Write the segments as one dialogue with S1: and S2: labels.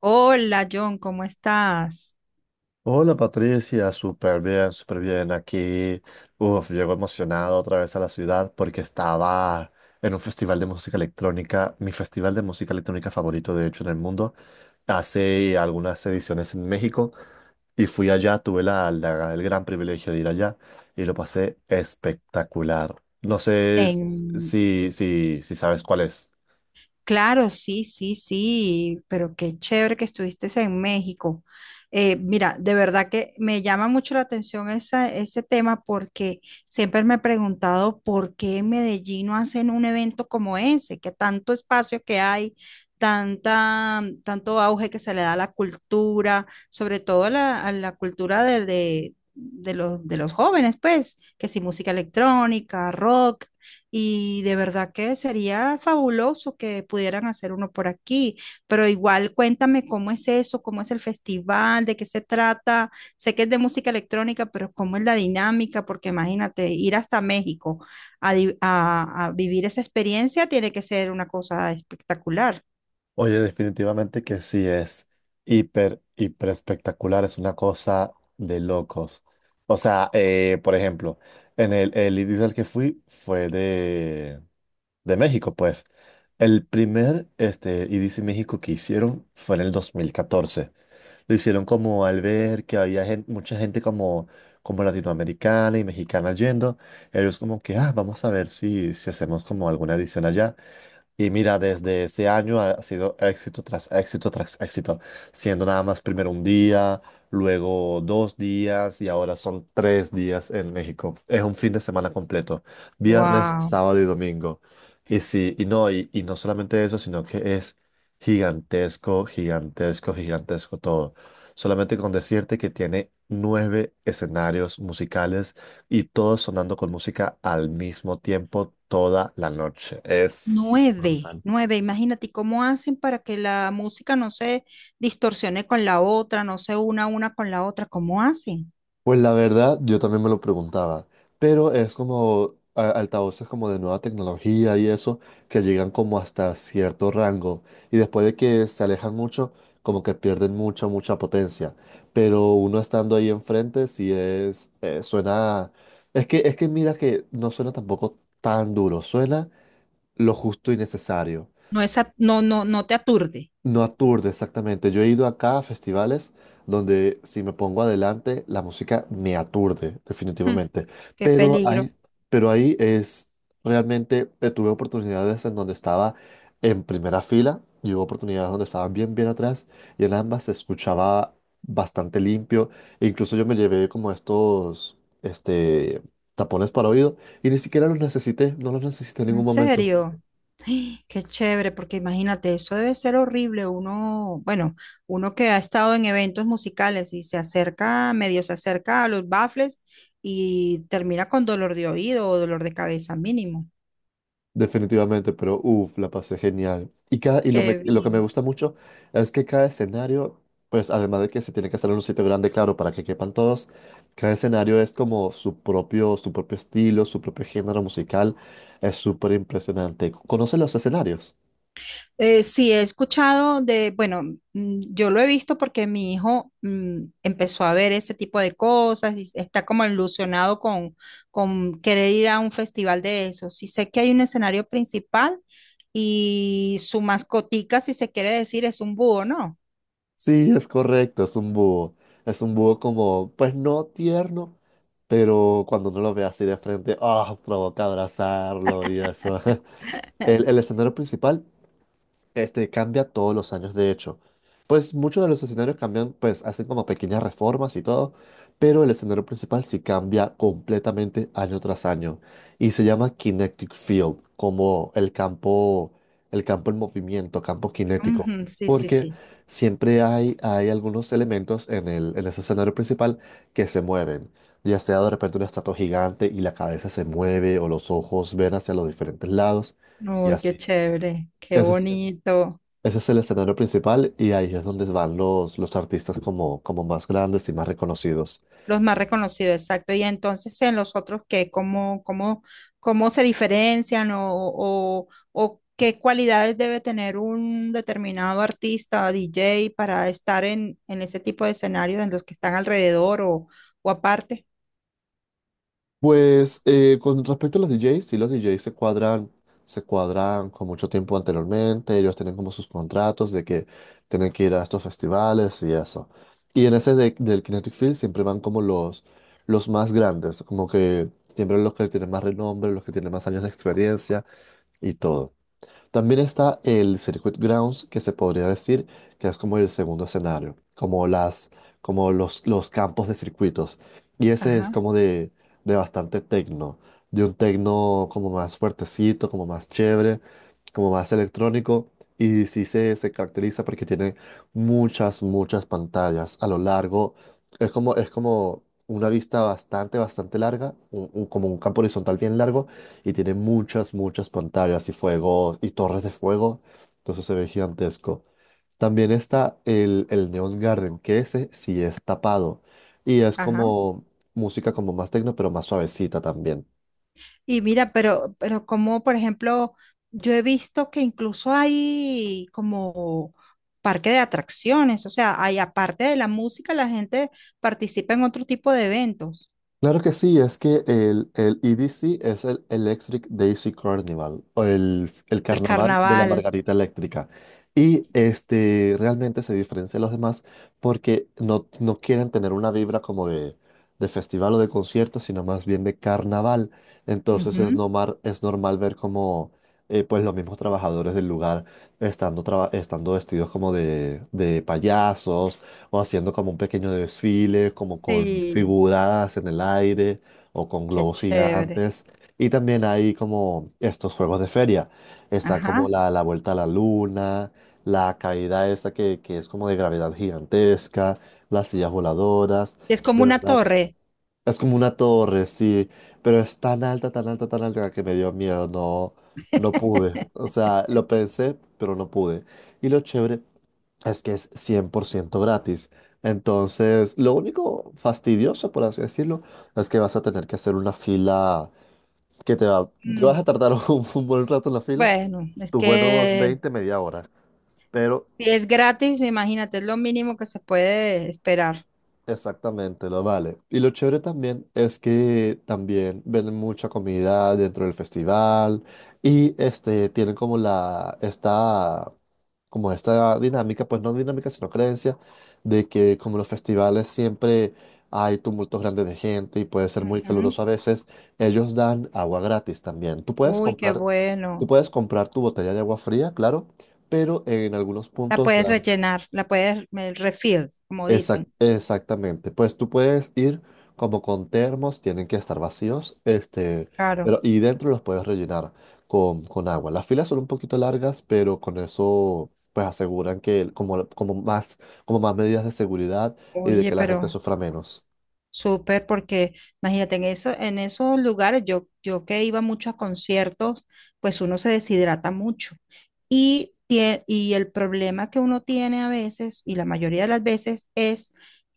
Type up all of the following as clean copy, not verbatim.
S1: Hola John, ¿cómo estás?
S2: Hola Patricia, súper bien aquí. Uf, llego emocionado otra vez a la ciudad porque estaba en un festival de música electrónica, mi festival de música electrónica favorito de hecho en el mundo, hace algunas ediciones en México y fui allá, tuve el gran privilegio de ir allá y lo pasé espectacular. No sé s-
S1: En...
S2: si, si, si sabes cuál es.
S1: Claro, sí, sí, sí, pero qué chévere que estuviste en México. Mira, de verdad que me llama mucho la atención ese tema porque siempre me he preguntado por qué en Medellín no hacen un evento como ese, que tanto espacio que hay, tanta, tanto auge que se le da a la cultura, sobre todo a a la cultura de de los jóvenes, pues, que si música electrónica, rock. Y de verdad que sería fabuloso que pudieran hacer uno por aquí, pero igual cuéntame cómo es eso, cómo es el festival, de qué se trata. Sé que es de música electrónica, pero cómo es la dinámica, porque imagínate, ir hasta México a vivir esa experiencia tiene que ser una cosa espectacular.
S2: Oye, definitivamente que sí es hiper, hiper espectacular, es una cosa de locos. O sea, por ejemplo, en el inicio al que fui fue de México, pues. El primer IDC México que hicieron fue en el 2014. Lo hicieron como al ver que había mucha gente como, como latinoamericana y mexicana yendo. Ellos como que, ah, vamos a ver si hacemos como alguna edición allá. Y mira, desde ese año ha sido éxito tras éxito tras éxito, siendo nada más primero un día, luego 2 días y ahora son 3 días en México. Es un fin de semana completo, viernes,
S1: Wow.
S2: sábado y domingo. Y sí, y no, y no solamente eso, sino que es gigantesco, gigantesco, gigantesco todo. Solamente con decirte que tiene nueve escenarios musicales y todo sonando con música al mismo tiempo toda la noche. Es
S1: Nueve,
S2: colosal.
S1: nueve, imagínate, ¿y cómo hacen para que la música no se distorsione con la otra, no se una con la otra? ¿Cómo hacen?
S2: Pues la verdad, yo también me lo preguntaba, pero es como altavoces como de nueva tecnología y eso, que llegan como hasta cierto rango y después de que se alejan mucho, como que pierden mucha, mucha potencia. Pero uno estando ahí enfrente, sí es, suena. Es que mira que no suena tampoco tan duro, suena lo justo y necesario.
S1: No, no, no te aturde.
S2: No aturde, exactamente. Yo he ido acá a festivales donde si me pongo adelante, la música me aturde,
S1: Hmm,
S2: definitivamente.
S1: qué
S2: Pero
S1: peligro.
S2: ahí, pero ahí es realmente, tuve oportunidades en donde estaba en primera fila y hubo oportunidades donde estaba bien, bien atrás y en ambas se escuchaba bastante limpio. E incluso yo me llevé como estos, este, tapones para oído y ni siquiera los necesité, no los necesité en ningún
S1: En
S2: momento.
S1: serio. ¡Ay! Qué chévere, porque imagínate, eso debe ser horrible. Uno, bueno, uno que ha estado en eventos musicales y se acerca, medio se acerca a los baffles y termina con dolor de oído o dolor de cabeza mínimo.
S2: Definitivamente, pero uff, la pasé genial. Y, cada, y lo, me-
S1: Qué
S2: lo que me
S1: bien.
S2: gusta mucho es que cada escenario, pues además de que se tiene que hacer en un sitio grande, claro, para que quepan todos, cada escenario es como su propio estilo, su propio género musical. Es súper impresionante. ¿Conoces los escenarios?
S1: Sí, he escuchado de, bueno, yo lo he visto porque mi hijo empezó a ver ese tipo de cosas y está como ilusionado con querer ir a un festival de eso. Sí sé que hay un escenario principal y su mascotica, si se quiere decir, es un búho, ¿no?
S2: Sí, es correcto, es un búho. Es un búho como, pues no tierno, pero cuando uno lo ve así de frente, ah, provoca abrazarlo y eso. El escenario principal. Este cambia todos los años, de hecho. Pues muchos de los escenarios cambian, pues hacen como pequeñas reformas y todo, pero el escenario principal sí cambia completamente año tras año y se llama Kinetic Field, como el campo en movimiento, campo cinético,
S1: Ujú, sí, sí,
S2: porque
S1: sí.
S2: siempre hay algunos elementos en ese escenario principal que se mueven, ya sea de repente una estatua gigante y la cabeza se mueve o los ojos ven hacia los diferentes lados y
S1: Uy, qué
S2: así.
S1: chévere, qué
S2: Ese es-
S1: bonito.
S2: ese es el escenario principal y ahí es donde van los artistas como más grandes y más reconocidos.
S1: Los más reconocidos, exacto. Y entonces en los otros, ¿qué? ¿Cómo, cómo, cómo se diferencian o qué cualidades debe tener un determinado artista, DJ, para estar en ese tipo de escenarios en los que están alrededor o aparte?
S2: Pues con respecto a los DJs, sí, los DJs se cuadran con mucho tiempo anteriormente, ellos tienen como sus contratos de que tienen que ir a estos festivales y eso. Y en ese del Kinetic Field siempre van como los más grandes, como que siempre los que tienen más renombre, los que tienen más años de experiencia y todo. También está el Circuit Grounds, que se podría decir que es como el segundo escenario, como los campos de circuitos. Y ese es
S1: Ajá.
S2: como de bastante tecno, de un tecno como más fuertecito, como más chévere, como más electrónico. Y sí se caracteriza porque tiene muchas, muchas pantallas a lo largo. Es como una vista bastante, bastante larga, como un campo horizontal bien largo y tiene muchas, muchas pantallas y fuego y torres de fuego. Entonces se ve gigantesco. También está el Neon Garden, que ese sí es tapado. Y es
S1: Ajá.
S2: como música como más tecno, pero más suavecita también.
S1: Y mira, pero como por ejemplo, yo he visto que incluso hay como parque de atracciones, o sea, hay aparte de la música, la gente participa en otro tipo de eventos,
S2: Claro que sí, es que el EDC es el Electric Daisy Carnival, o el
S1: el
S2: Carnaval de la
S1: carnaval.
S2: Margarita Eléctrica. Y realmente se diferencia de los demás porque no, no quieren tener una vibra como de festival o de concierto, sino más bien de carnaval. Entonces
S1: Ujú.
S2: es normal ver como pues los mismos trabajadores del lugar estando vestidos como de payasos o haciendo como un pequeño desfile, como con
S1: Sí,
S2: figuras en el aire o con
S1: qué
S2: globos
S1: chévere.
S2: gigantes. Y también hay como estos juegos de feria. Está como
S1: Ajá.
S2: la vuelta a la luna, la caída esta que es como de gravedad gigantesca, las sillas voladoras,
S1: Es como
S2: de
S1: una
S2: verdad.
S1: torre.
S2: Es como una torre, sí, pero es tan alta, tan alta, tan alta que me dio miedo, no, no pude. O sea, lo pensé, pero no pude. Y lo chévere es que es 100% gratis. Entonces, lo único fastidioso, por así decirlo, es que vas a tener que hacer una fila que vas a
S1: Mm.
S2: tardar un buen rato en la fila,
S1: Bueno, es
S2: tus buenos
S1: que
S2: 20 media hora. Pero.
S1: si es gratis, imagínate, es lo mínimo que se puede esperar.
S2: Exactamente, lo vale. Y lo chévere también es que también venden mucha comida dentro del festival y tienen como esta dinámica, pues no dinámica, sino creencia de que como los festivales siempre hay tumultos grandes de gente y puede ser muy
S1: Ujú.
S2: caluroso a veces, ellos dan agua gratis también. Tú puedes
S1: Uy, qué
S2: comprar Tú
S1: bueno.
S2: puedes comprar tu botella de agua fría, claro, pero en algunos
S1: La
S2: puntos
S1: puedes
S2: dan.
S1: rellenar, la puedes refill, como
S2: Exact-
S1: dicen.
S2: exactamente. Pues tú puedes ir como con termos, tienen que estar vacíos,
S1: Claro.
S2: pero y dentro los puedes rellenar con agua. Las filas son un poquito largas, pero con eso pues aseguran que como más medidas de seguridad y de
S1: Oye,
S2: que la gente
S1: pero
S2: sufra menos.
S1: súper, porque imagínate, en eso, en esos lugares, yo que iba mucho a conciertos, pues uno se deshidrata mucho. Y, y el problema que uno tiene a veces, y la mayoría de las veces, es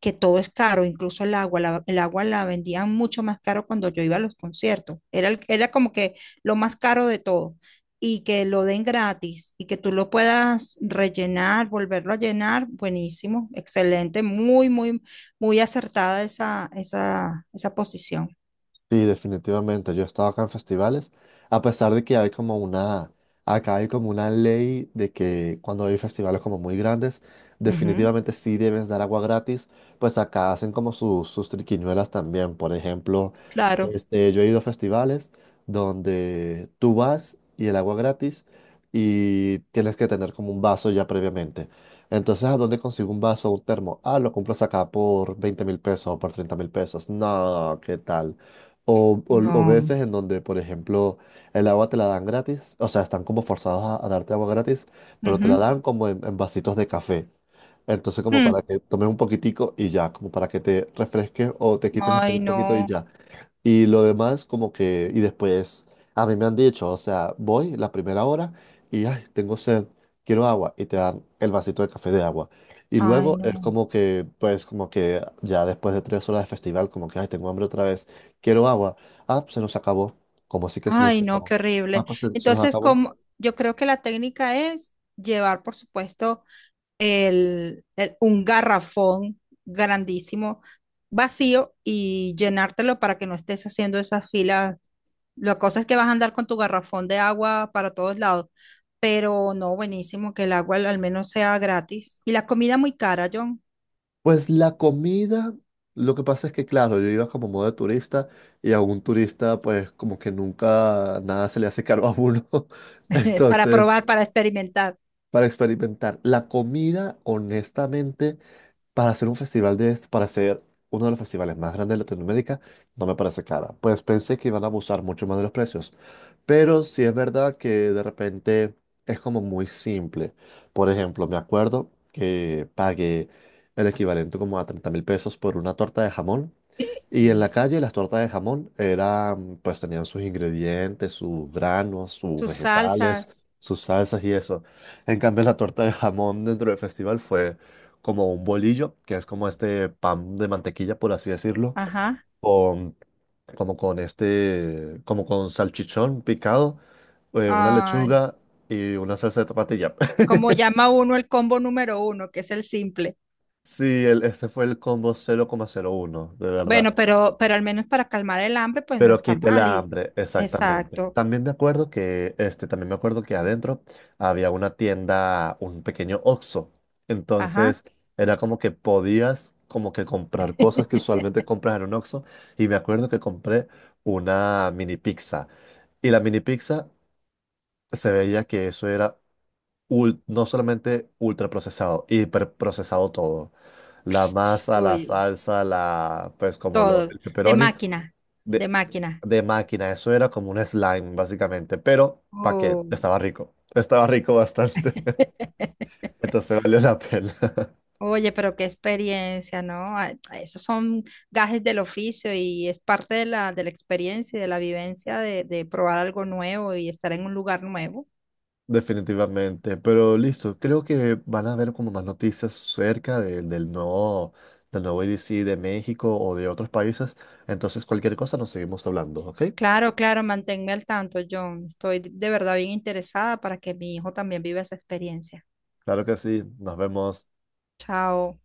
S1: que todo es caro, incluso el agua. El agua la vendían mucho más caro cuando yo iba a los conciertos. Era, era como que lo más caro de todo. Y que lo den gratis y que tú lo puedas rellenar, volverlo a llenar, buenísimo, excelente, muy, muy. Muy acertada esa, esa, esa posición.
S2: Sí, definitivamente. Yo he estado acá en festivales, a pesar de que acá hay como una ley de que cuando hay festivales como muy grandes,
S1: Ujú.
S2: definitivamente sí debes dar agua gratis, pues acá hacen como sus triquiñuelas también. Por ejemplo,
S1: Claro.
S2: yo he ido a festivales donde tú vas y el agua gratis y tienes que tener como un vaso ya previamente. Entonces, ¿a dónde consigo un vaso o un termo? Ah, lo compras acá por 20.000 pesos o por 30.000 pesos. No, ¿qué tal? O
S1: No.
S2: veces en donde, por ejemplo, el agua te la dan gratis, o sea, están como forzados a darte agua gratis, pero te la
S1: Ujú.
S2: dan como en vasitos de café. Entonces, como para
S1: Mm.
S2: que tomes un poquitico y ya, como para que te refresques o te quites la sed
S1: Ay,
S2: un poquito y
S1: no.
S2: ya. Y lo demás, como que, y después, a mí me han dicho, o sea, voy la primera hora y, ay, tengo sed, quiero agua, y te dan el vasito de café de agua. Y
S1: Ay,
S2: luego es
S1: no.
S2: como que, pues, como que ya después de 3 horas de festival, como que, ay, tengo hambre otra vez, quiero agua. Ah, pues, se nos acabó. ¿Como así que se nos
S1: Ay, no,
S2: acabó?
S1: qué
S2: Ah,
S1: horrible.
S2: pues se nos
S1: Entonces,
S2: acabó.
S1: como yo creo que la técnica es llevar, por supuesto, un garrafón grandísimo, vacío, y llenártelo para que no estés haciendo esas filas. La cosa es que vas a andar con tu garrafón de agua para todos lados. Pero no, buenísimo que el agua al al menos sea gratis. Y la comida muy cara, John,
S2: Pues la comida, lo que pasa es que, claro, yo iba como modo de turista y a un turista, pues, como que nunca nada se le hace caro a uno.
S1: para
S2: Entonces.
S1: probar, para experimentar
S2: Para experimentar la comida, honestamente, para hacer uno de los festivales más grandes de Latinoamérica, no me parece cara. Pues pensé que iban a abusar mucho más de los precios. Pero sí es verdad que de repente es como muy simple. Por ejemplo, me acuerdo que pagué el equivalente como a 30.000 pesos por una torta de jamón y en la calle las tortas de jamón eran, pues tenían sus ingredientes, sus granos, sus
S1: sus
S2: vegetales,
S1: salsas.
S2: sus salsas y eso. En cambio, la torta de jamón dentro del festival fue como un bolillo, que es como este pan de mantequilla, por así decirlo,
S1: Ajá.
S2: con, como con este, como con salchichón picado, una
S1: Ay,
S2: lechuga y una salsa de tomatilla.
S1: como llama uno el combo número uno, que es el simple.
S2: Sí, ese fue el combo 0,01, de verdad.
S1: Bueno, pero al menos para calmar el hambre, pues no
S2: Pero
S1: está
S2: quité
S1: mal.
S2: la
S1: Y,
S2: hambre, exactamente.
S1: exacto.
S2: También me acuerdo que adentro había una tienda, un pequeño Oxxo.
S1: Ajá.
S2: Entonces, era como que podías como que comprar cosas que usualmente compras en un Oxxo. Y me acuerdo que compré una mini pizza. Y la mini pizza se veía que eso era no solamente ultraprocesado, hiperprocesado todo. La masa, la
S1: Uy,
S2: salsa, la, pues como lo,
S1: todo.
S2: el
S1: De
S2: pepperoni
S1: máquina, de
S2: de,
S1: máquina.
S2: de máquina. Eso era como un slime, básicamente. Pero, ¿para qué?
S1: Uy.
S2: Estaba rico. Estaba rico bastante. Entonces valió la pena.
S1: Oye, pero qué experiencia, ¿no? Ah, esos son gajes del oficio y es parte de la experiencia y de la vivencia de probar algo nuevo y estar en un lugar nuevo.
S2: Definitivamente. Pero listo, creo que van a haber como más noticias cerca del nuevo EDC de México o de otros países. Entonces, cualquier cosa nos seguimos hablando, ¿ok?
S1: Claro, claro, manténme al tanto, John. Estoy de verdad bien interesada para que mi hijo también viva esa experiencia.
S2: Claro que sí. Nos vemos.
S1: Chao.